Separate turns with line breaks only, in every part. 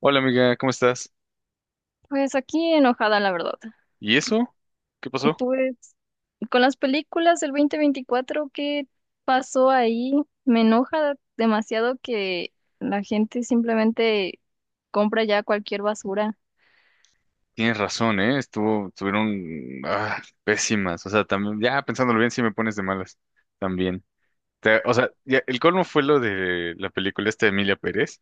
Hola amiga, ¿cómo estás?
Pues aquí enojada, la verdad.
¿Y eso? ¿Qué pasó?
Pues con las películas del 2024, ¿qué pasó ahí? Me enoja demasiado que la gente simplemente compra ya cualquier basura.
Tienes razón, ¿eh? Estuvieron pésimas. O sea, también, ya pensándolo bien, sí me pones de malas. También. O sea, ya, el colmo fue lo de la película esta de Emilia Pérez.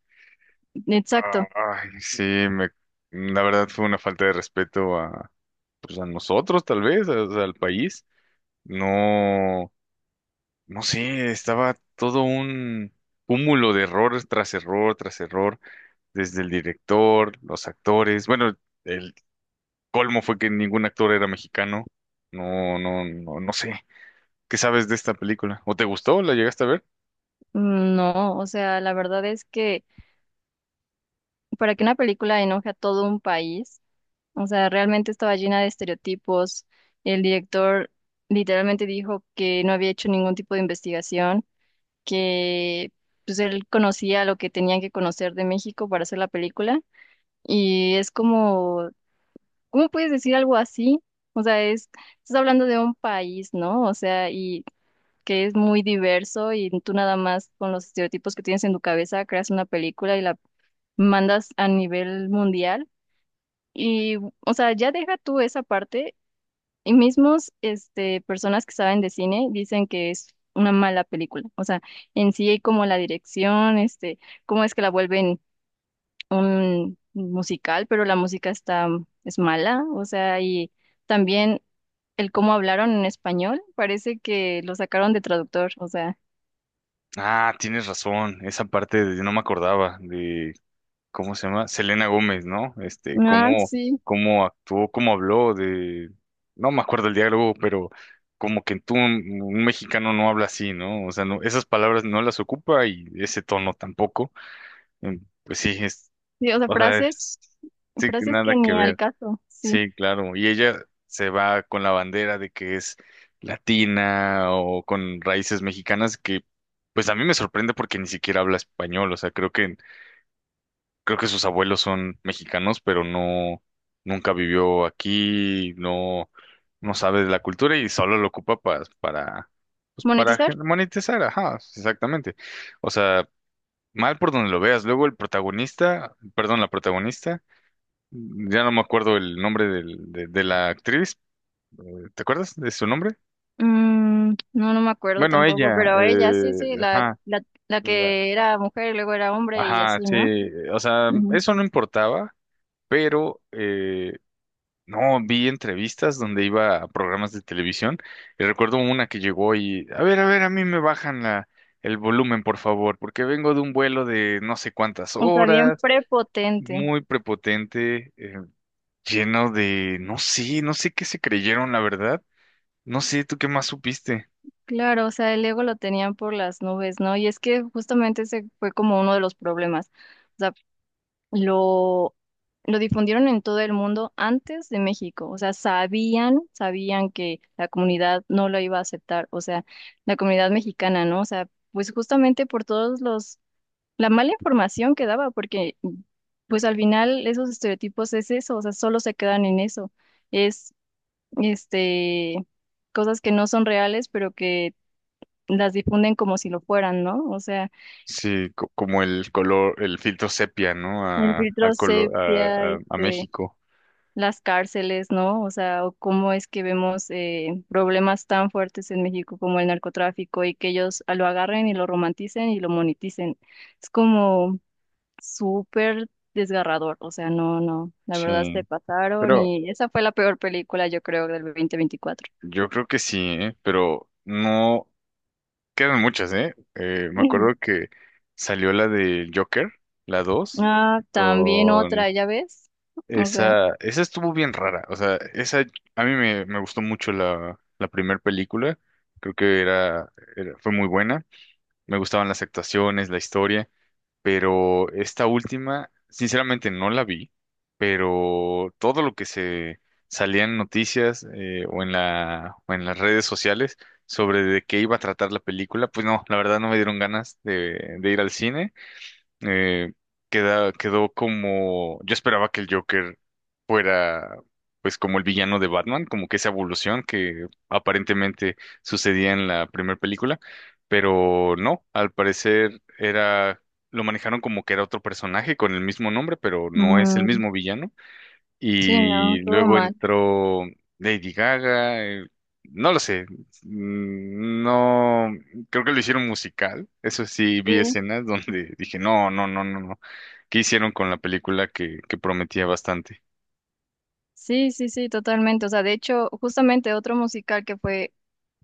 Exacto.
Ay, sí, me, la verdad fue una falta de respeto a, pues a nosotros, tal vez, o sea, al país. No, no sé, estaba todo un cúmulo de errores tras error, tras error. Desde el director, los actores. Bueno, el colmo fue que ningún actor era mexicano. No, no, no, no sé. ¿Qué sabes de esta película? ¿O te gustó? ¿La llegaste a ver?
No, o sea, la verdad es que para que una película enoje a todo un país, o sea, realmente estaba llena de estereotipos. El director literalmente dijo que no había hecho ningún tipo de investigación que pues él conocía lo que tenían que conocer de México para hacer la película y es como, ¿cómo puedes decir algo así? O sea, es, estás hablando de un país, ¿no? O sea, y que es muy diverso y tú nada más con los estereotipos que tienes en tu cabeza creas una película y la mandas a nivel mundial. Y, o sea, ya deja tú esa parte, y mismos, personas que saben de cine dicen que es una mala película. O sea, en sí hay como la dirección, cómo es que la vuelven un musical, pero la música está, es mala. O sea, y también el cómo hablaron en español, parece que lo sacaron de traductor. O sea,
Ah, tienes razón. Esa parte de, no me acordaba de cómo se llama, Selena Gómez, ¿no? Este,
ah,
cómo,
sí,
cómo actuó, cómo habló de, no me acuerdo el diálogo, pero como que tú, un mexicano no habla así, ¿no? O sea, no, esas palabras no las ocupa y ese tono tampoco. Pues sí, es.
sí, o sea,
O sea,
frases,
sí, que
frases
nada
que
que
ni al
ver.
caso, sí.
Sí, claro. Y ella se va con la bandera de que es latina o con raíces mexicanas que, pues a mí me sorprende porque ni siquiera habla español. O sea, creo que sus abuelos son mexicanos, pero no, nunca vivió aquí, no, no sabe de la cultura y solo lo ocupa pues para
¿Monetizar?
monetizar. Ajá, exactamente. O sea, mal por donde lo veas. Luego perdón, la protagonista. Ya no me acuerdo el nombre de la actriz. ¿Te acuerdas de su nombre?
Mm, no, no me acuerdo
Bueno,
tampoco,
ella.
pero ella sí, sí,
Ajá.
la
la-
que era mujer y luego era hombre y
ajá,
así,
sí.
¿no?
O sea,
Ujú.
eso no importaba, pero no vi entrevistas donde iba a programas de televisión. Y recuerdo una que llegó y, a ver, a ver, a mí me bajan el volumen, por favor, porque vengo de un vuelo de no sé cuántas
O sea, bien
horas,
prepotente.
muy prepotente, lleno de, no sé, no sé qué se creyeron, la verdad. No sé, ¿tú qué más supiste?
Claro, o sea, el ego lo tenían por las nubes, ¿no? Y es que justamente ese fue como uno de los problemas. O sea, lo, lo difundieron en todo el mundo antes de México. O sea, sabían, sabían que la comunidad no lo iba a aceptar. O sea, la comunidad mexicana, ¿no? O sea, pues justamente por todos los la mala información que daba, porque pues al final esos estereotipos es eso, o sea, solo se quedan en eso. Es este cosas que no son reales, pero que las difunden como si lo fueran, ¿no? O sea,
Sí, como el color, el filtro sepia, ¿no?
el
Al
filtro
color,
sepia,
a México.
las cárceles, ¿no? O sea, o cómo es que vemos problemas tan fuertes en México como el narcotráfico y que ellos lo agarren y lo romanticen y lo moneticen. Es como súper desgarrador, o sea, no, no, la verdad se
Sí.
pasaron
Pero
y esa fue la peor película, yo creo, del 2024.
yo creo que sí, ¿eh? Pero no quedan muchas, ¿eh? Me acuerdo que salió la de Joker, la dos,
Ah, también
con
otra, ¿ya ves? O sea,
esa, esa estuvo bien rara. O sea, esa, a mí me gustó mucho la primera película. Creo que era, fue muy buena. Me gustaban las actuaciones, la historia. Pero esta última, sinceramente no la vi, pero todo lo que se salía en noticias o en la, o en las redes sociales sobre de qué iba a tratar la película, pues no, la verdad no me dieron ganas de ir al cine. eh, Quedó como, yo esperaba que el Joker fuera pues como el villano de Batman, como que esa evolución que aparentemente sucedía en la primera película, pero no, al parecer era, lo manejaron como que era otro personaje con el mismo nombre, pero no es el
mm,
mismo villano.
sí, no,
Y
todo
luego
mal.
entró Lady Gaga. No lo sé, no, creo que lo hicieron musical, eso sí, vi
Sí,
escenas donde dije, no, no, no, no, no, ¿qué hicieron con la película que prometía bastante?
sí, sí, sí, totalmente. O sea, de hecho, justamente otro musical que fue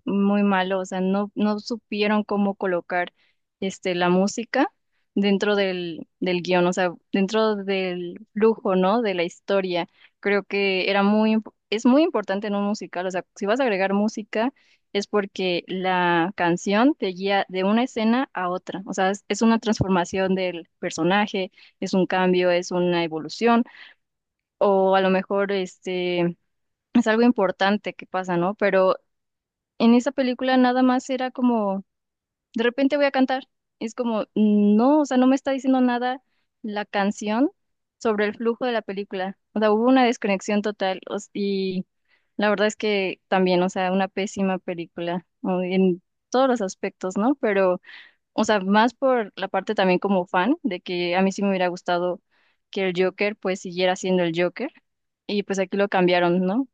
muy malo, o sea, no, no supieron cómo colocar la música dentro del, del guión, o sea, dentro del flujo, ¿no? De la historia. Creo que era muy, es muy importante en un musical, o sea, si vas a agregar música es porque la canción te guía de una escena a otra, o sea, es una transformación del personaje, es un cambio, es una evolución, o a lo mejor Es algo importante que pasa, ¿no? Pero en esa película nada más era como, de repente voy a cantar. Es como, no, o sea, no me está diciendo nada la canción sobre el flujo de la película. O sea, hubo una desconexión total y la verdad es que también, o sea, una pésima película o en todos los aspectos, ¿no? Pero, o sea, más por la parte también como fan, de que a mí sí me hubiera gustado que el Joker pues siguiera siendo el Joker y pues aquí lo cambiaron, ¿no?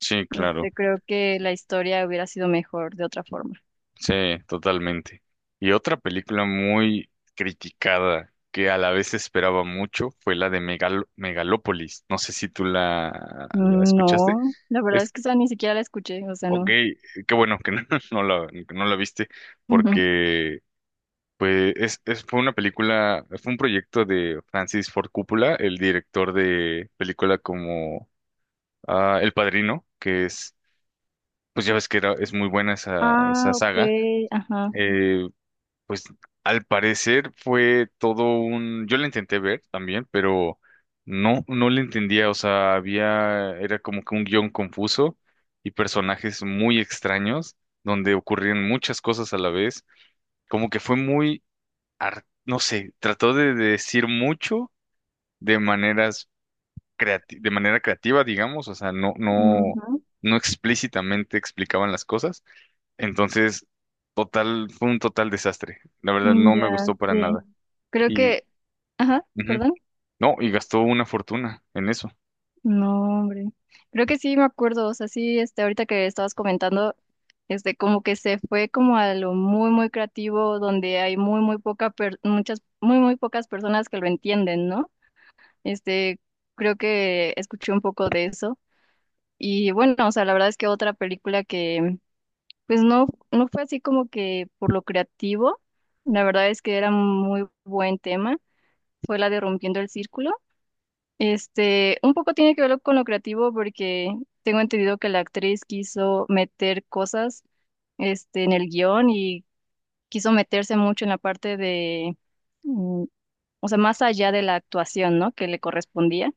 Sí, claro,
Creo que la historia hubiera sido mejor de otra forma.
sí, totalmente. Y otra película muy criticada que a la vez esperaba mucho fue la de Megalópolis, no sé si tú la escuchaste.
No, la verdad es que esa ni siquiera la escuché, o sea,
Ok,
no.
qué bueno que no, que no la viste,
Ujú.
porque pues es, fue una película, fue un proyecto de Francis Ford Coppola, el director de película como ah, El Padrino, que es, pues ya ves que era, es muy buena esa, esa
Ah, ok,
saga.
ajá.
eh, pues al parecer fue todo un, yo la intenté ver también, pero no, no la entendía, o sea, había, era como que un guión confuso y personajes muy extraños donde ocurrían muchas cosas a la vez, como que fue muy, no sé, trató de decir mucho de maneras de manera creativa, digamos, o sea, no, no,
Ujú,
no explícitamente explicaban las cosas, entonces, total, fue un total desastre, la verdad no me
ya
gustó para
sé.
nada.
Creo
Y,
que, ajá,
ujú.
perdón.
No, y gastó una fortuna en eso.
No, hombre. Creo que sí me acuerdo, o sea, sí, ahorita que estabas comentando, como que se fue como a lo muy, muy creativo, donde hay muy, muy poca, muchas, muy, muy pocas personas que lo entienden, ¿no? Este, creo que escuché un poco de eso. Y bueno, o sea, la verdad es que otra película que pues no, no fue así como que por lo creativo, la verdad es que era muy buen tema, fue la de Rompiendo el Círculo. Un poco tiene que ver con lo creativo porque tengo entendido que la actriz quiso meter cosas, en el guión y quiso meterse mucho en la parte de, mm, o sea, más allá de la actuación, ¿no? Que le correspondía.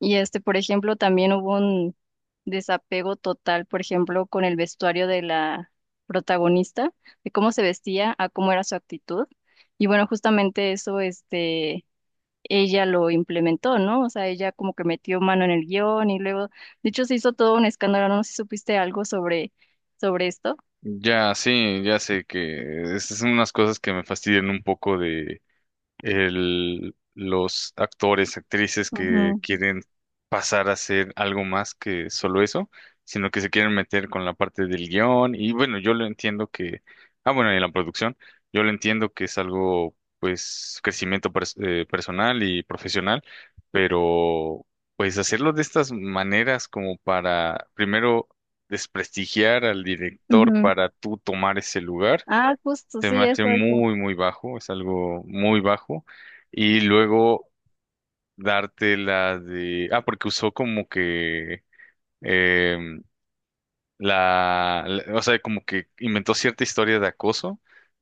Y por ejemplo, también hubo un desapego total, por ejemplo, con el vestuario de la protagonista, de cómo se vestía a cómo era su actitud. Y bueno, justamente eso, ella lo implementó, ¿no? O sea, ella como que metió mano en el guión y luego, de hecho, se hizo todo un escándalo, no sé si supiste algo sobre, sobre esto.
Ya, sí, ya sé que esas son unas cosas que me fastidian un poco de, los actores, actrices que
Ujú,
quieren pasar a ser algo más que solo eso, sino que se quieren meter con la parte del guión. Y bueno, yo lo entiendo que, ah, bueno, y la producción, yo lo entiendo que es algo, pues, crecimiento personal y profesional, pero pues hacerlo de estas maneras como para, primero, desprestigiar al director
ujú.
para tú tomar ese lugar
Ah, justo,
se
sí,
me hace
eso, eso.
muy, muy bajo, es algo muy bajo. Y luego darte la de... Ah, porque usó como que... em, O sea, como que inventó cierta historia de acoso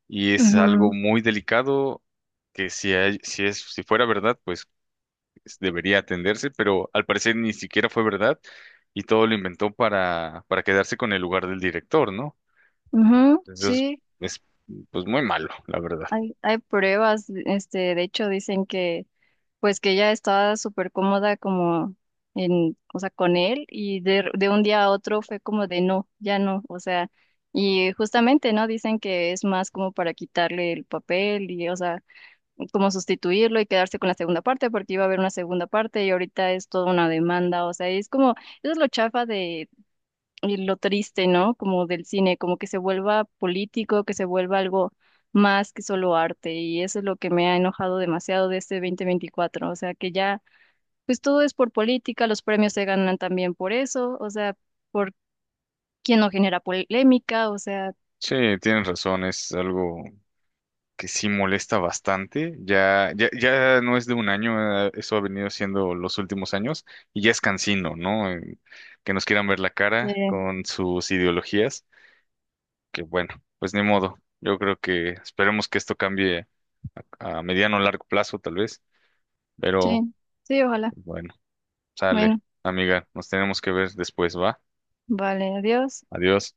y es algo
Ujú,
muy delicado que si fuera verdad, pues debería atenderse, pero al parecer ni siquiera fue verdad y todo lo inventó para quedarse con el lugar del director, ¿no?
ujú,
Entonces,
sí,
es pues muy malo, la verdad.
hay pruebas, de hecho, dicen que pues que ella estaba súper cómoda como en, o sea, con él y de un día a otro fue como de no, ya no, o sea, y justamente, ¿no? Dicen que es más como para quitarle el papel y, o sea, como sustituirlo y quedarse con la segunda parte porque iba a haber una segunda parte y ahorita es toda una demanda, o sea, es como, eso es lo chafa y lo triste, ¿no? Como del cine, como que se vuelva político, que se vuelva algo más que solo arte. Y eso es lo que me ha enojado demasiado de este 2024. O sea, que ya, pues todo es por política, los premios se ganan también por eso, o sea, por quién no genera polémica, o sea,
Sí, tienes razón, es algo que sí molesta bastante. Ya, ya, ya no es de un año, eso ha venido siendo los últimos años y ya es cansino, ¿no? Que nos quieran ver la cara
eh,
con sus ideologías, que bueno, pues ni modo. Yo creo que esperemos que esto cambie a mediano o largo plazo, tal vez, pero
sí, sí, ojalá.
pues bueno, sale,
Bueno,
amiga, nos tenemos que ver después, ¿va?
vale, adiós.
Adiós.